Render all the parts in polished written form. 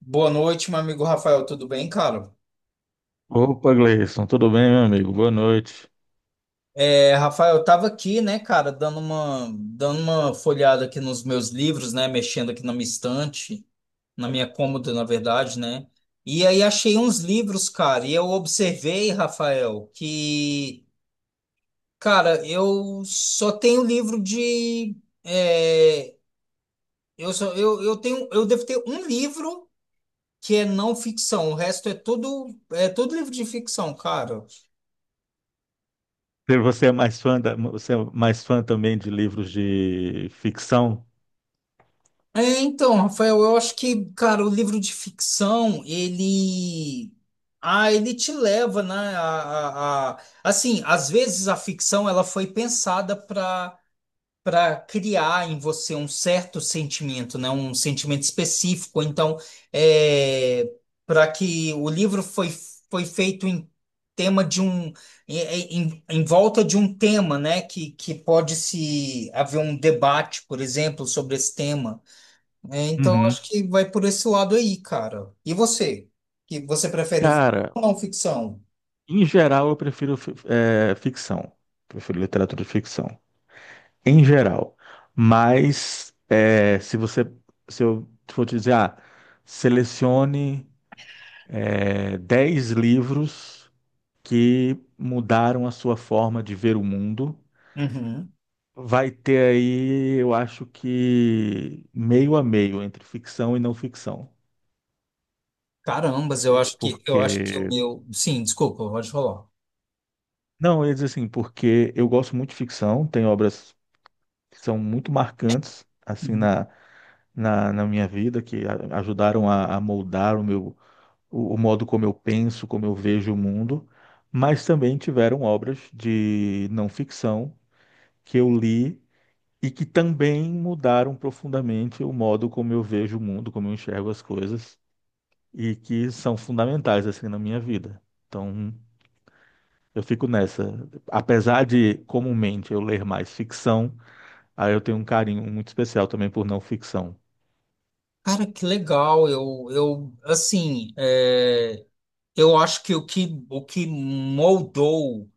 Boa noite, meu amigo Rafael, tudo bem, cara? Opa, Gleison, tudo bem, meu amigo? Boa noite. É, Rafael, eu tava aqui, né, cara, dando uma folhada aqui nos meus livros, né, mexendo aqui na minha estante, na minha cômoda, na verdade, né? E aí achei uns livros, cara, e eu observei, Rafael, que, cara, eu só tenho livro de, é, eu só, eu tenho, eu devo ter um livro que é não ficção, o resto é tudo livro de ficção, cara. Você é mais fã também de livros de ficção? É, então, Rafael, eu acho que, cara, o livro de ficção, ele. Ah, ele te leva, né? A, assim, às vezes a ficção ela foi pensada para criar em você um certo sentimento, né? Um sentimento específico. Então, é... para que o livro foi, foi feito em tema de um em volta de um tema, né? Que pode se haver um debate, por exemplo, sobre esse tema. É, então Uhum. acho que vai por esse lado aí, cara. E você? Que você prefere ficção Cara, ou não ficção? em geral eu prefiro ficção. Prefiro literatura de ficção. Em geral. Mas, se eu for te dizer, selecione, 10 livros que mudaram a sua forma de ver o mundo. Uhum. Vai ter aí, eu acho que meio a meio entre ficção e não ficção. Carambas, eu acho que o Porque. meu. Sim, desculpa, pode falar. Não, eu ia dizer assim, porque eu gosto muito de ficção, tem obras que são muito marcantes, assim, Uhum. na minha vida, que ajudaram a moldar o modo como eu penso, como eu vejo o mundo, mas também tiveram obras de não ficção que eu li e que também mudaram profundamente o modo como eu vejo o mundo, como eu enxergo as coisas. E que são fundamentais assim na minha vida. Então, eu fico nessa. Apesar de comumente eu ler mais ficção, aí eu tenho um carinho muito especial também por não ficção. Cara, que legal. Eu assim, é, eu acho que o que, o que moldou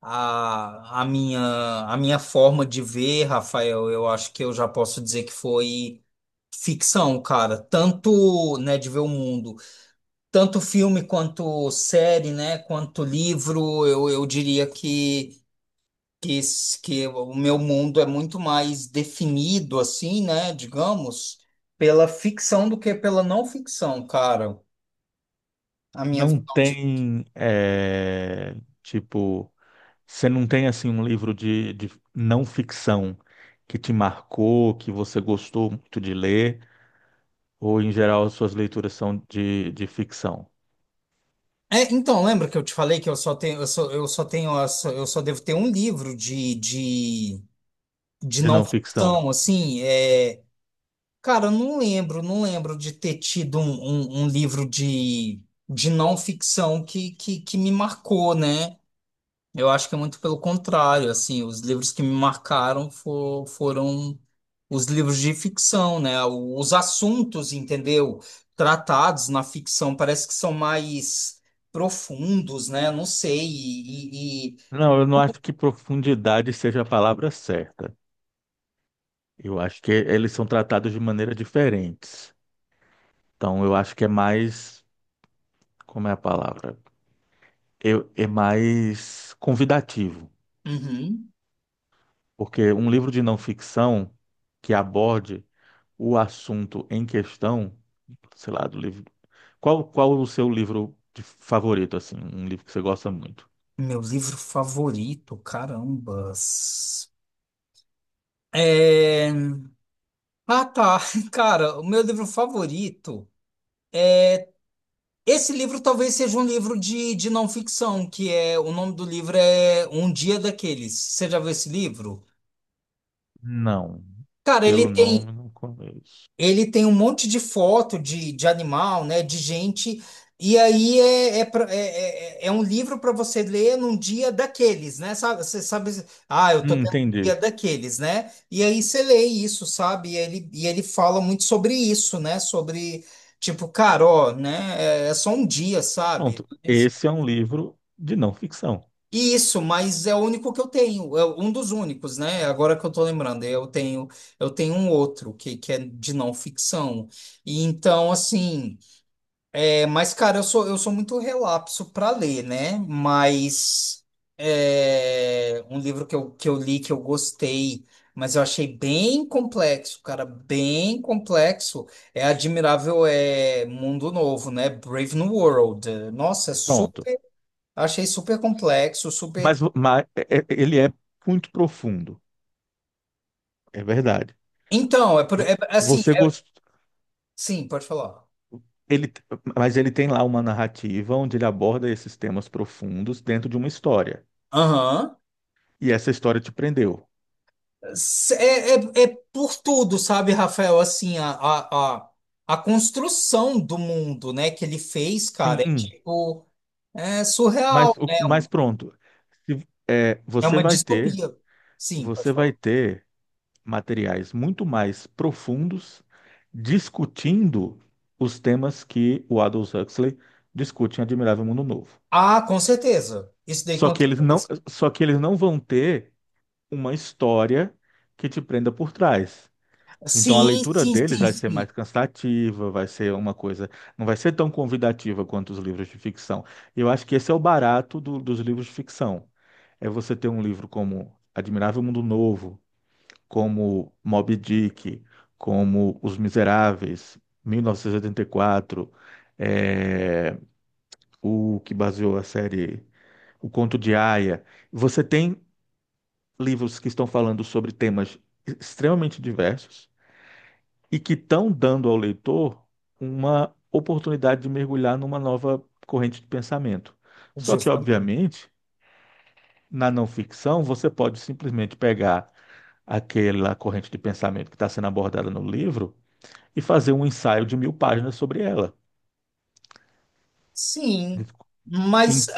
a, a minha, a minha forma de ver, Rafael, eu acho que eu já posso dizer que foi ficção, cara. Tanto, né, de ver o mundo. Tanto filme quanto série, né, quanto livro, eu diria que, que o meu mundo é muito mais definido, assim, né, digamos, pela ficção do que pela não ficção, cara. A minha Não visão de... tem, tipo, você não tem assim um livro de não ficção que te marcou, que você gostou muito de ler, ou em geral as suas leituras são de ficção, É, então, lembra que eu te falei que eu só tenho, eu só tenho, eu só devo ter um livro de de não não ficção. ficção, assim, é, cara, eu não lembro, não lembro de ter tido um, um livro de não ficção que me marcou, né? Eu acho que é muito pelo contrário, assim, os livros que me marcaram foram os livros de ficção, né? Os assuntos, entendeu? Tratados na ficção parece que são mais profundos, né? Não sei, e... Não, eu não acho que profundidade seja a palavra certa. Eu acho que eles são tratados de maneira diferentes. Então, eu acho que é mais, como é a palavra? É mais convidativo, Uhum. porque um livro de não ficção que aborde o assunto em questão, sei lá, do livro. Qual o seu livro de favorito, assim, um livro que você gosta muito? Meu livro favorito, carambas. É... Ah, tá. Cara, o meu livro favorito. Esse livro talvez seja um livro de não ficção, que é. O nome do livro é Um Dia Daqueles. Você já viu esse livro? Não, Cara, ele pelo nome tem, não conheço. ele tem um monte de foto de animal, né, de gente, e aí é, é, é é um livro para você ler num dia daqueles, né? Sabe, você sabe, ah, eu tô tendo um dia Entendi. daqueles, né? E aí você lê isso, sabe? E ele fala muito sobre isso, né? Sobre, tipo, cara, ó, né? É, é só um dia, sabe? Pronto, esse é um livro de não ficção. Isso, mas é o único que eu tenho, é um dos únicos, né? Agora que eu tô lembrando, eu tenho um outro que é de não ficção. E então, assim, é, mas cara, eu sou muito relapso para ler, né? Mas é, um livro que eu li que eu gostei, mas eu achei bem complexo, cara, bem complexo. É Admirável, é Mundo Novo, né? Brave New World. Nossa, é Pronto. super achei super complexo, super. Mas, ele é muito profundo, é verdade. Então, é, Vo- assim, Você gostou, sim, pode falar. ele, mas ele tem lá uma narrativa onde ele aborda esses temas profundos dentro de uma história. Aham. E essa história te prendeu. É, é, é por tudo, sabe, Rafael? Assim, a construção do mundo, né, que ele fez, cara, é Sim, tipo, é surreal, mas, o- né? Mas pronto. Se- é, É você uma vai ter, distopia. Sim, pode você falar. vai ter materiais muito mais profundos discutindo os temas que o Aldous Huxley discute em Admirável Mundo Novo. Ah, com certeza. Isso daí Só com que eles não, certeza. só que eles não vão ter uma história que te prenda por trás. Então a Sim, leitura sim, deles sim, vai ser sim. mais cansativa, vai ser uma coisa, não vai ser tão convidativa quanto os livros de ficção. E eu acho que esse é o barato dos livros de ficção. É você ter um livro como Admirável Mundo Novo, como Moby Dick, como Os Miseráveis, 1984, é, o que baseou a série O Conto de Aia. Você tem livros que estão falando sobre temas extremamente diversos e que estão dando ao leitor uma oportunidade de mergulhar numa nova corrente de pensamento. Só que, Justamente. obviamente, na não ficção, você pode simplesmente pegar aquela corrente de pensamento que está sendo abordada no livro e fazer um ensaio de mil páginas sobre ela. Sim. Mas Em-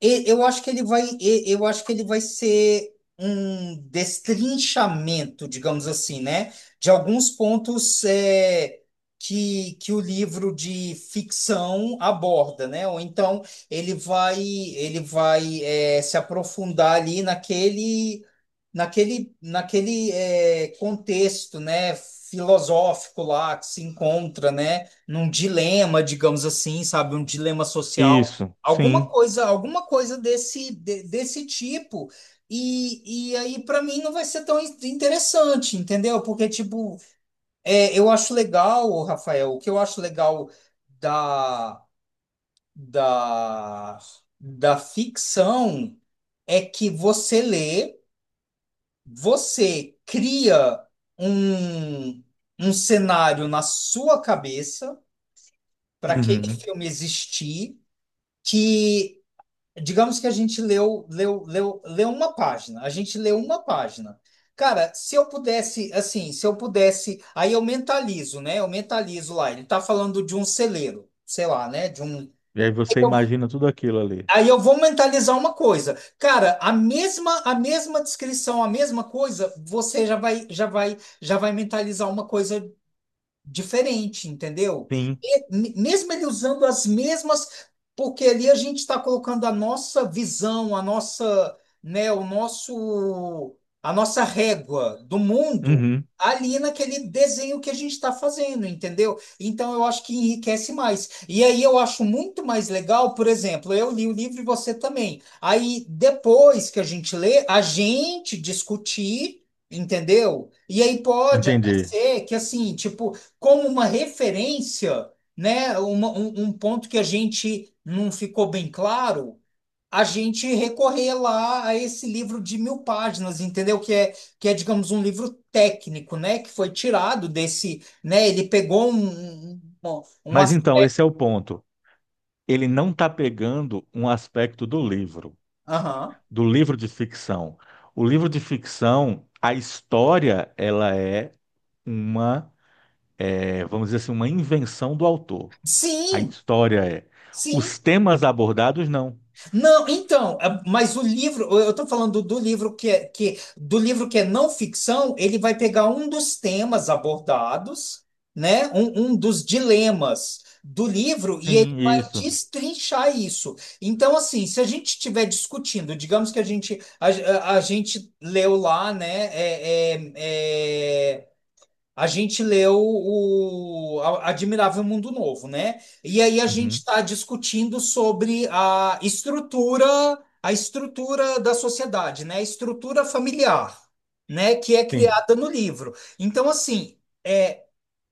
Eu acho que ele vai, eu acho que ele vai ser um destrinchamento, digamos assim, né? De alguns pontos é, que o livro de ficção aborda, né? Ou então ele vai é, se aprofundar ali naquele, naquele é, contexto, né? Filosófico lá que se encontra, né? Num dilema, digamos assim, sabe? Um dilema social Isso, alguma sim. coisa, alguma coisa desse, desse tipo. E aí, para mim, não vai ser tão interessante, entendeu? Porque, tipo, é, eu acho legal, Rafael, o que eu acho legal da, da, da ficção é que você lê, você cria um, um cenário na sua cabeça para aquele Uhum. filme existir, que digamos que a gente leu, leu uma página. A gente leu uma página. Cara, se eu pudesse, assim, se eu pudesse, aí eu mentalizo, né? Eu mentalizo lá. Ele tá falando de um celeiro, sei lá, né? De um. E aí você Eu- imagina tudo aquilo ali. Aí eu vou mentalizar uma coisa. Cara, a mesma descrição, a mesma coisa, você já vai já vai mentalizar uma coisa diferente, entendeu? Sim. E mesmo ele usando as mesmas, porque ali a gente está colocando a nossa visão, a nossa, né, o nosso, a nossa régua do mundo Uhum. ali naquele desenho que a gente está fazendo, entendeu? Então eu acho que enriquece mais. E aí eu acho muito mais legal, por exemplo, eu li o livro e você também. Aí depois que a gente lê, a gente discutir, entendeu? E aí pode até Entendi. ser que assim, tipo como uma referência, né, um, um ponto que a gente não ficou bem claro, a gente recorrer lá a esse livro de 1.000 páginas, entendeu? Que é, digamos, um livro técnico, né, que foi tirado desse, né, ele pegou um, um Mas aspecto. então, esse é o ponto. Ele não está pegando um aspecto do livro, Aham. De ficção. O livro de ficção, a história, ela é, uma, vamos dizer assim, uma invenção do autor. A Sim, história é. sim. Os temas abordados, não. Não, então, é, mas o livro, eu estou falando do livro que é, que, do livro que é não ficção, ele vai pegar um dos temas abordados, né? Um dos dilemas do livro e ele Sim, vai isso. destrinchar isso. Então, assim, se a gente estiver discutindo, digamos que a gente a, a gente leu lá, né? É, a gente leu o Admirável Mundo Novo, né? E aí a gente Uhum. está discutindo sobre a estrutura da sociedade, né? A estrutura familiar, né? Que é Sim, criada no livro. Então, assim, é,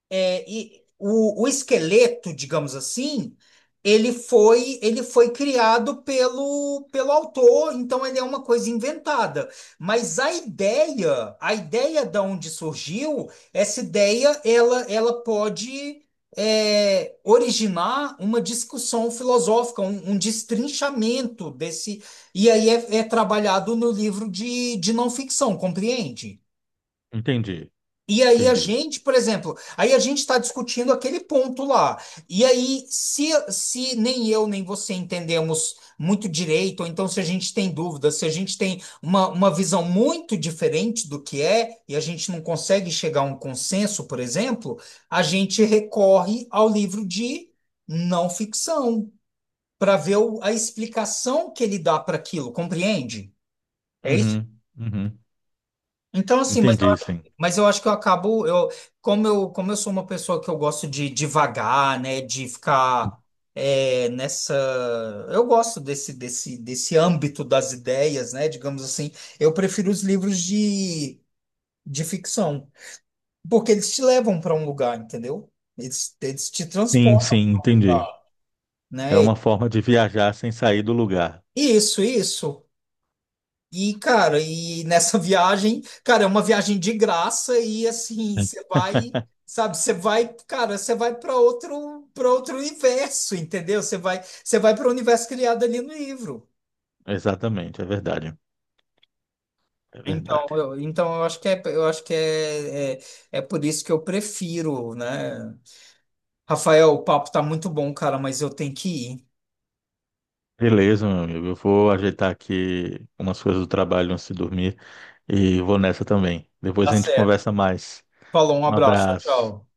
é, e o esqueleto, digamos assim, ele foi criado pelo, pelo autor, então ele é uma coisa inventada. Mas a ideia da onde surgiu, essa ideia, ela pode é, originar uma discussão filosófica, um destrinchamento desse. E aí é, é trabalhado no livro de não ficção, compreende? entendi, E aí a entendi. gente, por exemplo, aí a gente está discutindo aquele ponto lá. E aí, se nem eu nem você entendemos muito direito, ou então se a gente tem dúvidas, se a gente tem uma visão muito diferente do que é, e a gente não consegue chegar a um consenso, por exemplo, a gente recorre ao livro de não ficção para ver a explicação que ele dá para aquilo, compreende? É isso Uhum, uhum. então, assim, Entendi, sim. mas eu acho que eu acabo, eu, como eu, como eu sou uma pessoa que eu gosto de divagar, né, de ficar é, nessa, eu gosto desse, desse, desse âmbito das ideias, né, digamos assim, eu prefiro os livros de ficção, porque eles te levam para um lugar, entendeu? Eles te Sim, transportam, sim, entendi. É né? uma forma de viajar sem sair do lugar. Isso, isso. E, cara, e nessa viagem, cara, é uma viagem de graça e assim, você vai, sabe, você vai, cara, você vai para outro universo, entendeu? Você vai para o universo criado ali no livro. Exatamente, é verdade. É verdade. Então eu acho que é, eu acho que é, é, é por isso que eu prefiro, né? Rafael, o papo tá muito bom, cara, mas eu tenho que ir. Beleza, meu amigo. Eu vou ajeitar aqui umas coisas do trabalho antes de dormir e vou nessa também. Depois Tá a gente certo. conversa mais. Falou, um Um abraço, tchau, abraço. tchau.